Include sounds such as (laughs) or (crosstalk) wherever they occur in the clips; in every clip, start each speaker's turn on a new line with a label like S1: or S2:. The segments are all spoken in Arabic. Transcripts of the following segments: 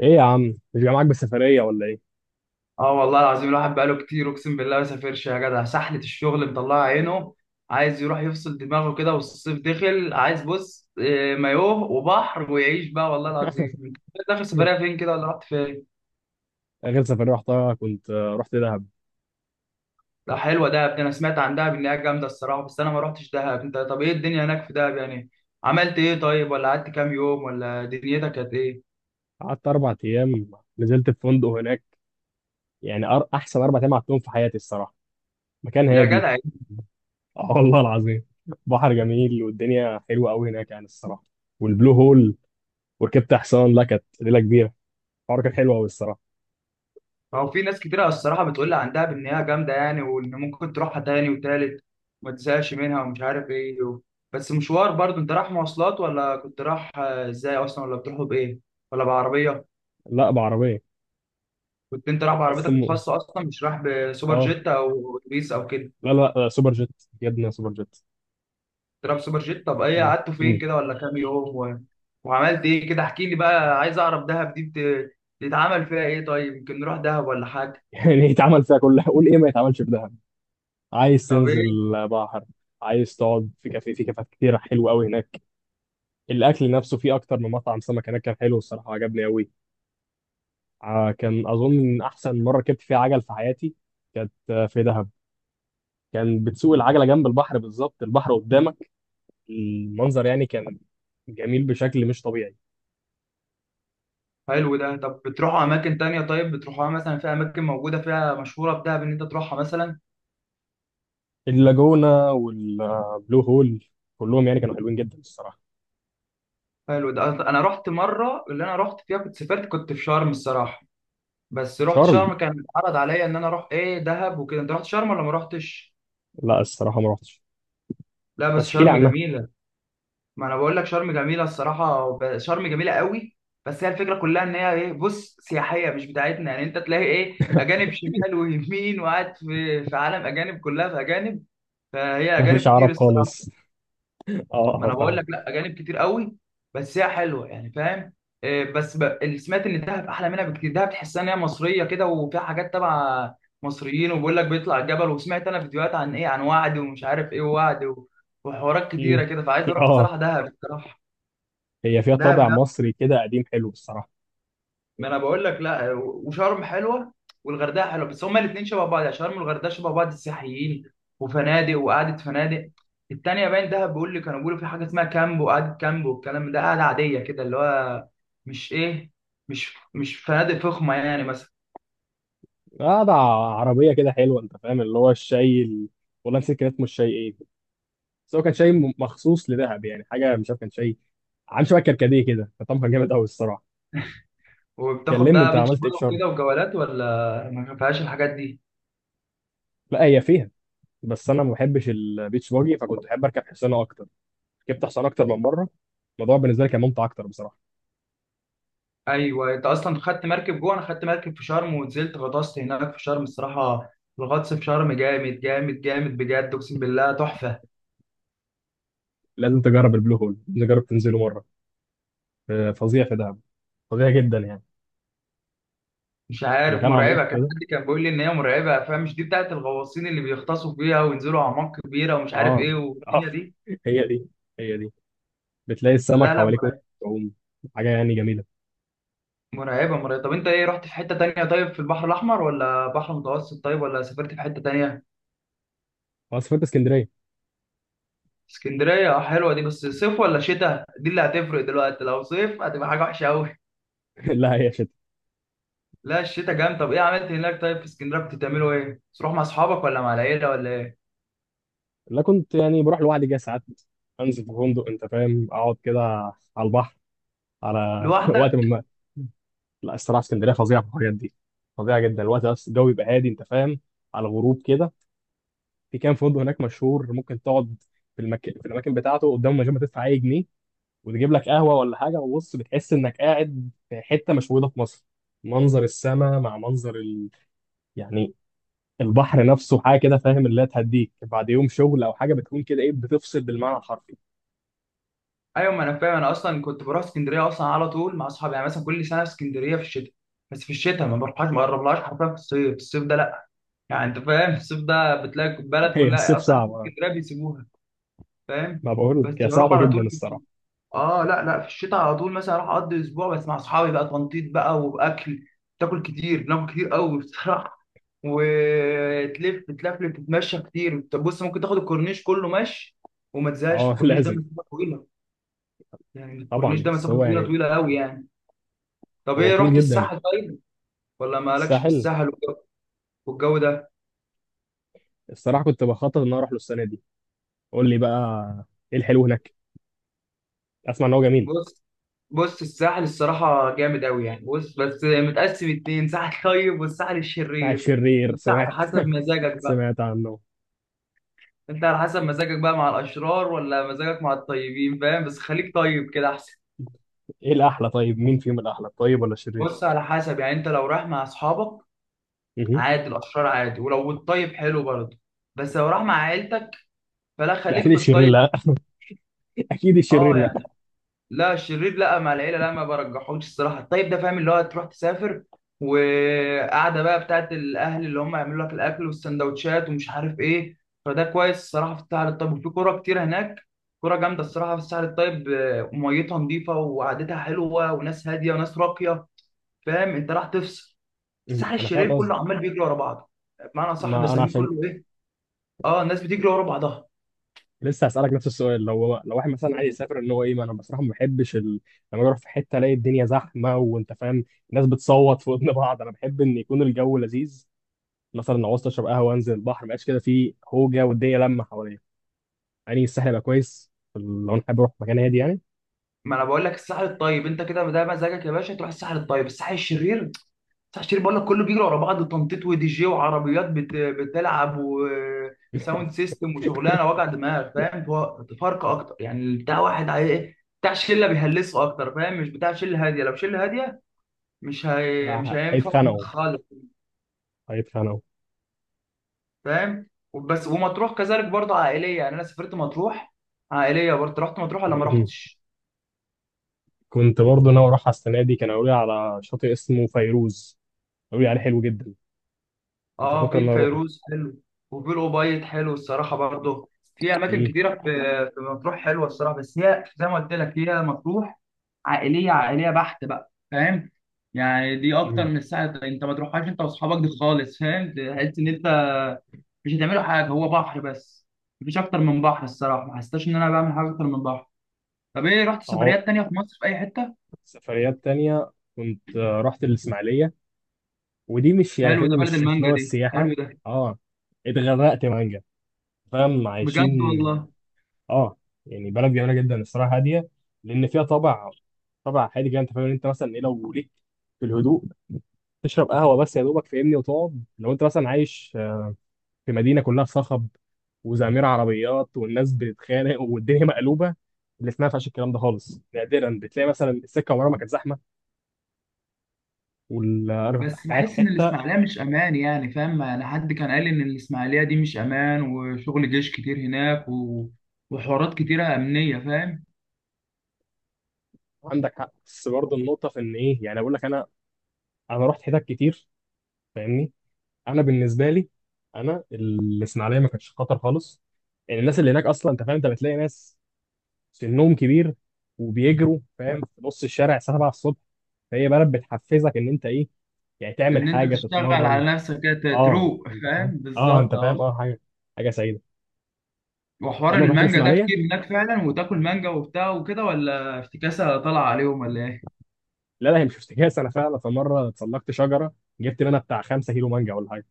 S1: ايه يا عم؟ مش جاي معاك بالسفريه ولا ايه؟
S2: اه والله العظيم الواحد بقاله كتير، اقسم بالله ما سافرش يا جدع. سحلة الشغل مطلعه عينه. عايز يروح يفصل دماغه كده والصيف دخل. عايز بص مايوه وبحر ويعيش بقى. والله العظيم، انت اخر سفرية
S1: (laughs)
S2: فين كده، ولا رحت فين؟
S1: اخر سفريه رحتها كنت رحت دهب.
S2: لا، حلوة دهب دي. انا سمعت عن دهب انها جامدة الصراحة، بس انا ما رحتش دهب. انت طب، ايه الدنيا هناك في دهب يعني؟ عملت ايه طيب، ولا قعدت كام يوم، ولا دنيتك كانت ايه؟
S1: قعدت اربع ايام، نزلت في فندق هناك. يعني احسن اربع ايام قعدتهم في حياتي الصراحه. مكان
S2: يا
S1: هادي.
S2: جدع.
S1: اه والله العظيم. بحر جميل والدنيا حلوه قوي هناك يعني الصراحه. والبلو هول، وركبت حصان، لا كانت ليله كبيره. الحوار كان حلو قوي الصراحه.
S2: هو في ناس كتيرة الصراحة بتقول لي عن دهب إن هي جامدة يعني، وإن ممكن تروحها تاني وتالت وما تزهقش منها ومش عارف إيه بس مشوار برضه. أنت رايح مواصلات، ولا كنت رايح إزاي أصلا، ولا بتروحوا بإيه، ولا بعربية؟
S1: لا بعربيه.
S2: كنت أنت رايح
S1: بس
S2: بعربيتك
S1: م...
S2: الخاصة أصلا، مش رايح بسوبر
S1: اه.
S2: جيت أو أتوبيس أو كده؟
S1: لا، سوبر جيت. جبنا سوبر جيت.
S2: كنت رايح بسوبر جيت. طب إيه
S1: م-
S2: قعدتوا فين
S1: م.
S2: كده، ولا كام يوم وعملت إيه كده؟ احكي لي بقى، عايز أعرف دهب دي بتتعمل فيها إيه طيب؟ يمكن نروح دهب ولا حاجة.
S1: (laughs) يعني يتعمل فيها كلها، قول ايه ما يتعملش في دهب؟ عايز
S2: طب
S1: تنزل
S2: إيه.
S1: بحر، عايز تقعد في كافيه، في كافيهات كتيرة حلوة أوي هناك. الأكل نفسه فيه أكتر من مطعم سمك هناك، كان حلو الصراحة، عجبني أوي. كان أظن إن أحسن مرة ركبت فيها عجل في حياتي كانت في دهب. كان بتسوق العجلة جنب البحر، بالظبط البحر قدامك، المنظر يعني كان جميل بشكل مش طبيعي.
S2: حلو ده. طب بتروحوا اماكن تانية طيب، بتروحوها مثلا؟ في اماكن موجوده فيها مشهوره بدهب ان انت تروحها مثلا؟
S1: اللاجونة والبلو هول، كلهم يعني كانوا حلوين جدا الصراحة.
S2: حلو ده. انا رحت مره، اللي انا رحت فيها كنت سافرت، كنت في شرم الصراحه. بس رحت
S1: شرم؟
S2: شرم، كان اتعرض عليا ان انا اروح ايه دهب وكده. انت رحت شرم ولا ما رحتش؟
S1: لا الصراحة ما رحتش.
S2: لا بس
S1: بس احكي لي
S2: شرم
S1: عنها.
S2: جميله. ما انا بقول لك شرم جميله الصراحه، شرم جميله قوي. بس هي الفكره كلها ان هي ايه، بص، سياحيه مش بتاعتنا يعني. انت تلاقي ايه،
S1: (laughs)
S2: اجانب شمال ويمين، وقاعد في عالم اجانب، كلها في اجانب. فهي اجانب
S1: مفيش
S2: كتير
S1: عرب
S2: الصراحه.
S1: خالص. اه
S2: ما
S1: اه
S2: انا بقول
S1: فاهم.
S2: لك، لا، اجانب كتير قوي. بس هي حلوه يعني، فاهم؟ إيه، بس اللي سمعت ان دهب احلى منها بكتير. دهب تحسها ان هي مصريه كده، وفيها حاجات تبع مصريين، وبيقول لك بيطلع الجبل، وسمعت انا فيديوهات عن ايه، عن وعد ومش عارف ايه ووعد وحوارات كتيره
S1: مم.
S2: كده، فعايز اروح
S1: اه،
S2: الصراحه دهب الصراحه.
S1: هي فيها
S2: دهب.
S1: طابع مصري كده قديم حلو الصراحه.
S2: ما انا بقول لك، لا، وشرم حلوه، والغردقه حلوه، بس هما الاثنين شبه بعض يعني. شرم والغردقه شبه بعض، السياحيين وفنادق وقعده فنادق. التانيه باين دهب، بيقول لي كانوا بيقولوا في حاجه اسمها كامب، وقعده كامب والكلام ده، قعده عاديه كده اللي هو مش ايه، مش فنادق فخمه يعني مثلا.
S1: قاعده عربيه كده حلوه، انت فاهم، اللي هو والله نسيت كان اسمه الشاي ايه، بس هو كان شاي مخصوص لدهب، يعني حاجه مش عارف، كان شاي عامل شبه كركديه كده، فطعمه كان جامد قوي الصراحه.
S2: وبتاخد
S1: كلمني، انت
S2: بقى بيتش
S1: عملت ايه
S2: باجي
S1: في شرم؟
S2: وكده وجولات ولا ما فيهاش الحاجات دي؟
S1: لا هي فيها، بس انا ما بحبش البيتش باجي، فكنت بحب اركب حصانه اكتر. ركبت حصانه اكتر من مره، الموضوع بالنسبه لي كان ممتع اكتر بصراحه.
S2: ايوه، انت اصلا خدت مركب جوه. انا خدت مركب في شرم ونزلت غطست هناك في شرم الصراحه. الغطس في شرم جامد جامد جامد، بجد اقسم بالله تحفه.
S1: لازم تجرب البلو هول، لازم تجرب تنزله مره. فظيع في دهب، فظيع جدا يعني.
S2: مش عارف
S1: مكان عميق
S2: مرعبه. كان
S1: كده.
S2: حد كان بيقول لي ان هي مرعبه، فمش دي بتاعت الغواصين اللي بيغطسوا فيها وينزلوا اعماق كبيره ومش عارف
S1: اه.
S2: ايه
S1: اه.
S2: والدنيا دي.
S1: هي دي هي دي. بتلاقي السمك
S2: لا لا،
S1: حواليك وانت بتعوم، حاجه يعني جميله.
S2: مرعبه مرعبه. طب انت ايه، رحت في حته تانية طيب؟ في البحر الاحمر ولا بحر متوسط طيب، ولا سافرت في حته تانية؟
S1: انا سافرت اسكندريه.
S2: اسكندريه. اه، حلوه دي. بس صيف ولا شتاء، دي اللي هتفرق دلوقتي. لو صيف هتبقى حاجه وحشه قوي.
S1: (laughs) لا هي شتا.
S2: لا، الشتاء جامد. طب ايه عملت هناك طيب في اسكندريه؟ كنت تعملوا ايه، تروح مع اصحابك ولا مع العيله ولا ايه؟
S1: لا، كنت يعني بروح لوحدي كده ساعات، انزل في فندق، انت فاهم، اقعد كده على البحر. على (laughs) وقت
S2: لوحدك؟
S1: من الوقت. لا الصراحه اسكندريه فظيعه في الحاجات دي، فظيعه جدا. الوقت بس الجو يبقى هادي، انت فاهم، على الغروب كده. في كام فندق هناك مشهور ممكن تقعد في المكان، في الاماكن بتاعته قدامه من غير ما تدفع اي جنيه، وتجيب لك قهوه ولا حاجه، وبص بتحس انك قاعد في حته مش موجوده في مصر. منظر السماء مع منظر يعني البحر نفسه، حاجه كده فاهم، اللي هتهديك بعد يوم شغل او حاجه، بتكون كده ايه، بتفصل بالمعنى الحرفي.
S2: ايوه ما انا فاهم. انا اصلا كنت بروح اسكندريه اصلا على طول مع اصحابي، يعني مثلا كل سنه في اسكندريه في الشتاء. بس في الشتاء، ما بروحهاش ما بقربلهاش حرفيا في الصيف، الصيف ده لا. يعني انت فاهم، الصيف ده بتلاقي
S1: (laughs)
S2: البلد
S1: هي
S2: كلها،
S1: الصيف
S2: اصلا اهل
S1: صعبه.
S2: اسكندريه بيسيبوها. فاهم.
S1: ما بقول
S2: بس
S1: لك هي
S2: بروح
S1: صعبه
S2: على
S1: جدا
S2: طول في الشتاء.
S1: الصراحه.
S2: اه لا لا، في الشتاء على طول مثلا اروح اقضي اسبوع بس مع اصحابي بقى، تنطيط بقى واكل. تاكل كتير، بناكل كتير قوي بصراحه. (laughs) وتلف تلفلف، تتمشى كتير. طب بص، ممكن تاخد الكورنيش كله ماشي وما تزهقش.
S1: اه (laughs)
S2: الكورنيش ده
S1: لازم.
S2: مسافه طويله يعني. الكورنيش
S1: طبعا،
S2: ده
S1: بس
S2: مسافة
S1: هو
S2: طويلة
S1: يعني
S2: طويلة قوي يعني. طب
S1: هو
S2: ايه،
S1: طول
S2: رحت
S1: جدا.
S2: الساحل طيب؟ ولا مالكش في
S1: الساحل
S2: الساحل والجو والجو ده؟
S1: الصراحه كنت بخطط ان أنا اروح له السنه دي. قول لي بقى، ايه الحلو هناك؟ اسمع ان هو جميل.
S2: بص. بص، الساحل الصراحة جامد قوي يعني. بص، بس متقسم اتنين، ساحل طيب والساحل
S1: بتاع
S2: الشرير.
S1: الشرير
S2: انت على
S1: سمعت.
S2: حسب
S1: (laughs)
S2: مزاجك بقى.
S1: سمعت عنه.
S2: انت على حسب مزاجك بقى، مع الاشرار ولا مزاجك مع الطيبين. فاهم؟ بس خليك طيب كده احسن.
S1: ايه الاحلى طيب، مين فيهم الاحلى طيب ولا الشرير؟
S2: بص، على حسب يعني. انت لو رايح مع اصحابك،
S1: مهم.
S2: عادي، الاشرار عادي، ولو الطيب حلو برضه. بس لو رايح مع عيلتك، فلا،
S1: لا
S2: خليك
S1: اكيد
S2: في
S1: الشرير
S2: الطيب.
S1: لا. (laughs) اكيد الشرير
S2: اه
S1: لا.
S2: يعني، لا الشرير لا، مع العيله لا، ما برجحوش الصراحه. الطيب ده فاهم، اللي هو تروح تسافر، وقعده بقى بتاعت الاهل، اللي هم يعملوا لك الاكل والسندوتشات ومش عارف ايه، فده كويس الصراحه في الساحل الطيب. وفي كوره كتير هناك، كوره جامده الصراحه في الساحل الطيب. ميتها نظيفه وقعدتها حلوه، وناس هاديه وناس راقيه. فاهم؟ انت راح تفصل.
S1: مهم.
S2: الساحل
S1: انا
S2: الشرير
S1: فاهم قصدي.
S2: كله عمال بيجري ورا بعضه. بمعنى صح
S1: ما انا
S2: بسميه
S1: عشان
S2: كله ايه. اه، الناس بتجري ورا بعضها.
S1: لسه هسألك نفس السؤال. لو واحد مثلا عايز يسافر ان هو ايه، ما انا بصراحه ما بحبش لما اروح في حته الاقي الدنيا زحمه، وانت فاهم الناس بتصوت في ودن (laughs) بعض. انا بحب ان يكون الجو لذيذ، مثلا لو عاوز اشرب قهوه انزل البحر، ما يبقاش كده في هوجه والدنيا لمه حواليا. يعني الساحل يبقى كويس لو انا حابب اروح مكان هادي يعني.
S2: ما انا بقول لك، الساحل الطيب، انت كده ده مزاجك يا باشا، تروح الساحل الطيب. الساحل الشرير تحشير، بقول لك كله بيجري ورا بعض، تنطيط ودي جي وعربيات بتلعب، وساوند
S1: (laughs)
S2: سيستم وشغلانه وجع دماغ. فاهم؟ تفارقه اكتر يعني. بتاع واحد إيه؟ بتاع شله بيهلسوا اكتر، فاهم؟ مش بتاع شله هاديه. لو شله هاديه، مش
S1: لا،
S2: هينفع
S1: هيتخانقوا.
S2: خالص.
S1: هيتخانقوا.
S2: فاهم؟ وبس. ومطروح كذلك برضه عائليه، يعني انا سافرت مطروح. عائليه برضه. رحت مطروح ولا ما
S1: (laughs)
S2: رحتش؟
S1: كنت برضه ناوي اروح على السنه دي، كانوا قالوا لي على شاطئ اسمه فيروز، قالوا لي عليه حلو جدا، كنت
S2: اه،
S1: افكر
S2: في
S1: ان انا اروحه.
S2: الفيروز حلو، وفي الأوبايد حلو الصراحة برضه. في أماكن
S1: مم.
S2: كتيرة في مطروح حلوة الصراحة. بس هي زي ما قلت لك، هي مطروح عائلية عائلية بحت بقى، فاهم؟ يعني دي أكتر
S1: مم.
S2: من الساعة أنت ما تروحهاش أنت وأصحابك، دي خالص. فاهم، تحس إن أنت مش هتعملوا حاجة، هو بحر بس. مفيش أكتر من بحر الصراحة، ما حسيتش إن أنا بعمل حاجة أكتر من بحر. طب إيه، رحت سفريات تانية في مصر في أي حتة؟
S1: سفريات تانية كنت رحت الإسماعيلية، ودي مش يعني
S2: حلو ده،
S1: فاهمني،
S2: بلد
S1: مش مش اللي
S2: المانجا
S1: هو
S2: دي،
S1: السياحة.
S2: حلو ده.
S1: اه، اتغرقت مانجا، فاهم،
S2: بجد
S1: عايشين.
S2: والله.
S1: اه يعني، بلد جميلة جدا الصراحة، هادية. لأن فيها طابع، طابع هادي كده، أنت فاهم. أنت مثلا إيه لو ليك في الهدوء، تشرب قهوة بس يا دوبك فاهمني، وتقعد. لو أنت مثلا عايش في مدينة كلها صخب وزمير عربيات، والناس بتتخانق والدنيا مقلوبة. اللي اسمها فيهاش الكلام ده خالص، نادرا بتلاقي مثلا السكة عمرها ما كانت زحمة،
S2: بس
S1: والقاعد في
S2: بحس ان
S1: حتة.
S2: الاسماعيليه مش امان يعني، فاهم؟ انا حد كان قال لي ان الاسماعيليه دي مش امان، وشغل جيش كتير هناك وحوارات كتيره امنيه، فاهم؟
S1: عندك حق، بس برضه النقطة في إن إيه، يعني أقول لك أنا، أنا رحت حتت كتير فاهمني. أنا بالنسبة لي، أنا الإسماعيلية ما كانتش خطر خالص. يعني الناس اللي هناك أصلا، أنت فاهم، أنت بتلاقي ناس سنهم كبير وبيجروا، فاهم، في نص الشارع الساعة 7 الصبح. فهي بلد بتحفزك إن أنت إيه، يعني تعمل
S2: ان انت
S1: حاجة،
S2: تشتغل
S1: تتمرن.
S2: على نفسك كده
S1: أه
S2: تروق،
S1: أنت فاهم
S2: فاهم،
S1: أه أنت
S2: بالظبط،
S1: فاهم
S2: اه.
S1: أه حاجة، حاجة سعيدة.
S2: وحوار
S1: عمرك رحت
S2: المانجا ده
S1: الإسماعيلية؟
S2: كتير هناك فعلا، وتاكل مانجا وبتاع وكده، ولا افتكاسه طالعه عليهم ولا ايه؟
S1: لا لا، هي مش افتكاس. أنا فعلا في مرة اتسلقت شجرة، جبت منها بتاع 5 كيلو مانجا ولا حاجة،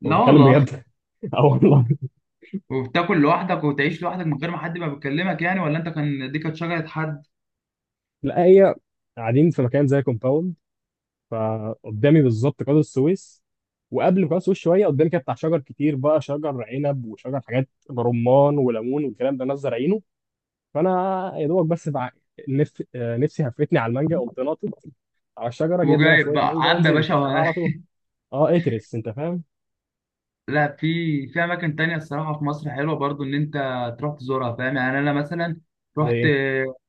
S2: لا
S1: وبتكلم
S2: والله.
S1: بجد. (laughs) أه والله.
S2: وبتاكل لوحدك، وتعيش لوحدك من غير ما حد ما بيكلمك يعني؟ ولا انت كان دي، كانت شجره حد؟
S1: لا هي، قاعدين في مكان زي كومباوند، فقدامي بالظبط قناة السويس، وقبل قناة السويس شوية قدامي كده بتاع شجر كتير بقى، شجر عنب وشجر حاجات، رمان وليمون والكلام ده، ناس زارعينه. فأنا يا دوبك، بس بع... نف... آه، نفسي هفتني على المانجا، قمت ناطط على الشجرة، جايب منها
S2: وجايب
S1: شوية
S2: بقى،
S1: مانجا
S2: عبى يا
S1: ونزلت
S2: باشا.
S1: أنا على طول. اه اترس، انت فاهم.
S2: لا، في اماكن تانية الصراحه في مصر حلوه برضو، ان انت تروح تزورها. فاهم؟ يعني انا مثلا
S1: زي
S2: رحت
S1: ايه؟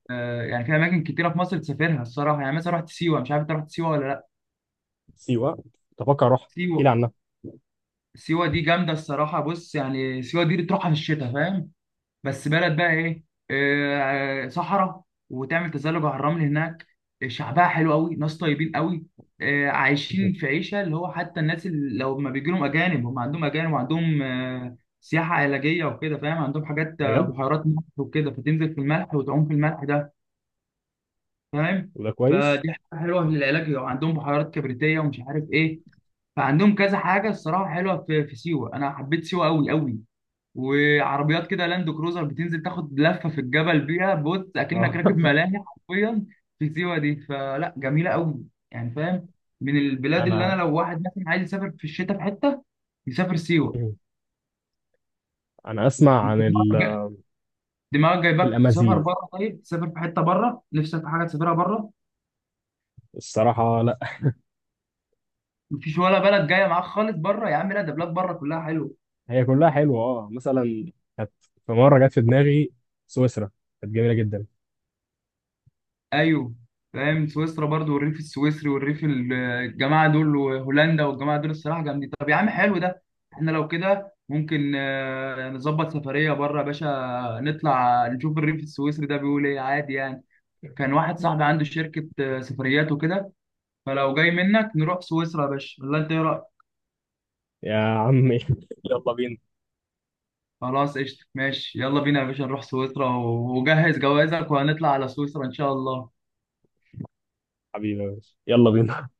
S2: يعني في اماكن كتيره في مصر تسافرها الصراحه يعني، مثلا رحت سيوه. مش عارف انت رحت سيوه ولا لا.
S1: سيوة؟ تفكر اروح،
S2: سيوه.
S1: احكي لي عنها.
S2: سيوه دي جامده الصراحه. بص يعني، سيوه دي بتروحها في الشتاء، فاهم؟ بس بلد بقى ايه، صحراء. وتعمل تزلج على الرمل هناك. شعبها حلو قوي، ناس طيبين قوي. عايشين في عيشه اللي هو، حتى الناس اللي لو ما بيجي لهم اجانب، هم عندهم اجانب، وعندهم سياحه علاجيه وكده. فاهم؟ عندهم حاجات،
S1: بجد.
S2: بحيرات ملح وكده، فتنزل في الملح وتعوم في الملح ده. فاهم؟
S1: وده كويس.
S2: فدي حاجه حلوه للعلاج. وعندهم بحيرات كبريتيه ومش عارف ايه. فعندهم كذا حاجه الصراحه حلوه في سيوه. انا حبيت سيوه قوي قوي. وعربيات كده لاند كروزر بتنزل تاخد لفه في الجبل بيها، بص اكنك
S1: اه
S2: راكب
S1: (laughs)
S2: ملاهي حرفيا في سيوه دي. فلا جميله قوي يعني، فاهم؟ من البلاد اللي انا
S1: انا،
S2: لو واحد مثلا عايز يسافر في الشتاء في حته، يسافر سيوه.
S1: انا اسمع
S2: انت
S1: عن
S2: دماغك دماغك جايبك تسافر
S1: الامازيغ.
S2: بره طيب، تسافر في حته بره، نفسك في حاجه تسافرها بره؟
S1: الصراحة لا.
S2: مفيش ولا بلد جايه معاك خالص بره يا عم؟ لا، ده بلاد بره كلها حلوه.
S1: هي كلها حلوه اه. مثلا كانت، في مره جت في دماغي سويسرا، كانت جميله جدا.
S2: ايوه، فاهم. سويسرا برضو، والريف السويسري، والريف الجماعه دول، وهولندا والجماعه دول، الصراحه جامدين. طب يا عم حلو ده، احنا لو كده ممكن نظبط سفريه بره يا باشا، نطلع نشوف الريف السويسري ده بيقول ايه عادي يعني. كان واحد صاحبي عنده شركه سفريات وكده، فلو جاي منك نروح سويسرا يا باشا، ولا انت ايه رايك؟
S1: يا عمي (laughs) يلا بينا.
S2: خلاص قشطه، ماشي، يلا بينا يا باشا، نروح سويسرا وجهز جوازك وهنطلع على سويسرا ان شاء الله.
S1: حبيبي يا باشا، يلا بينا.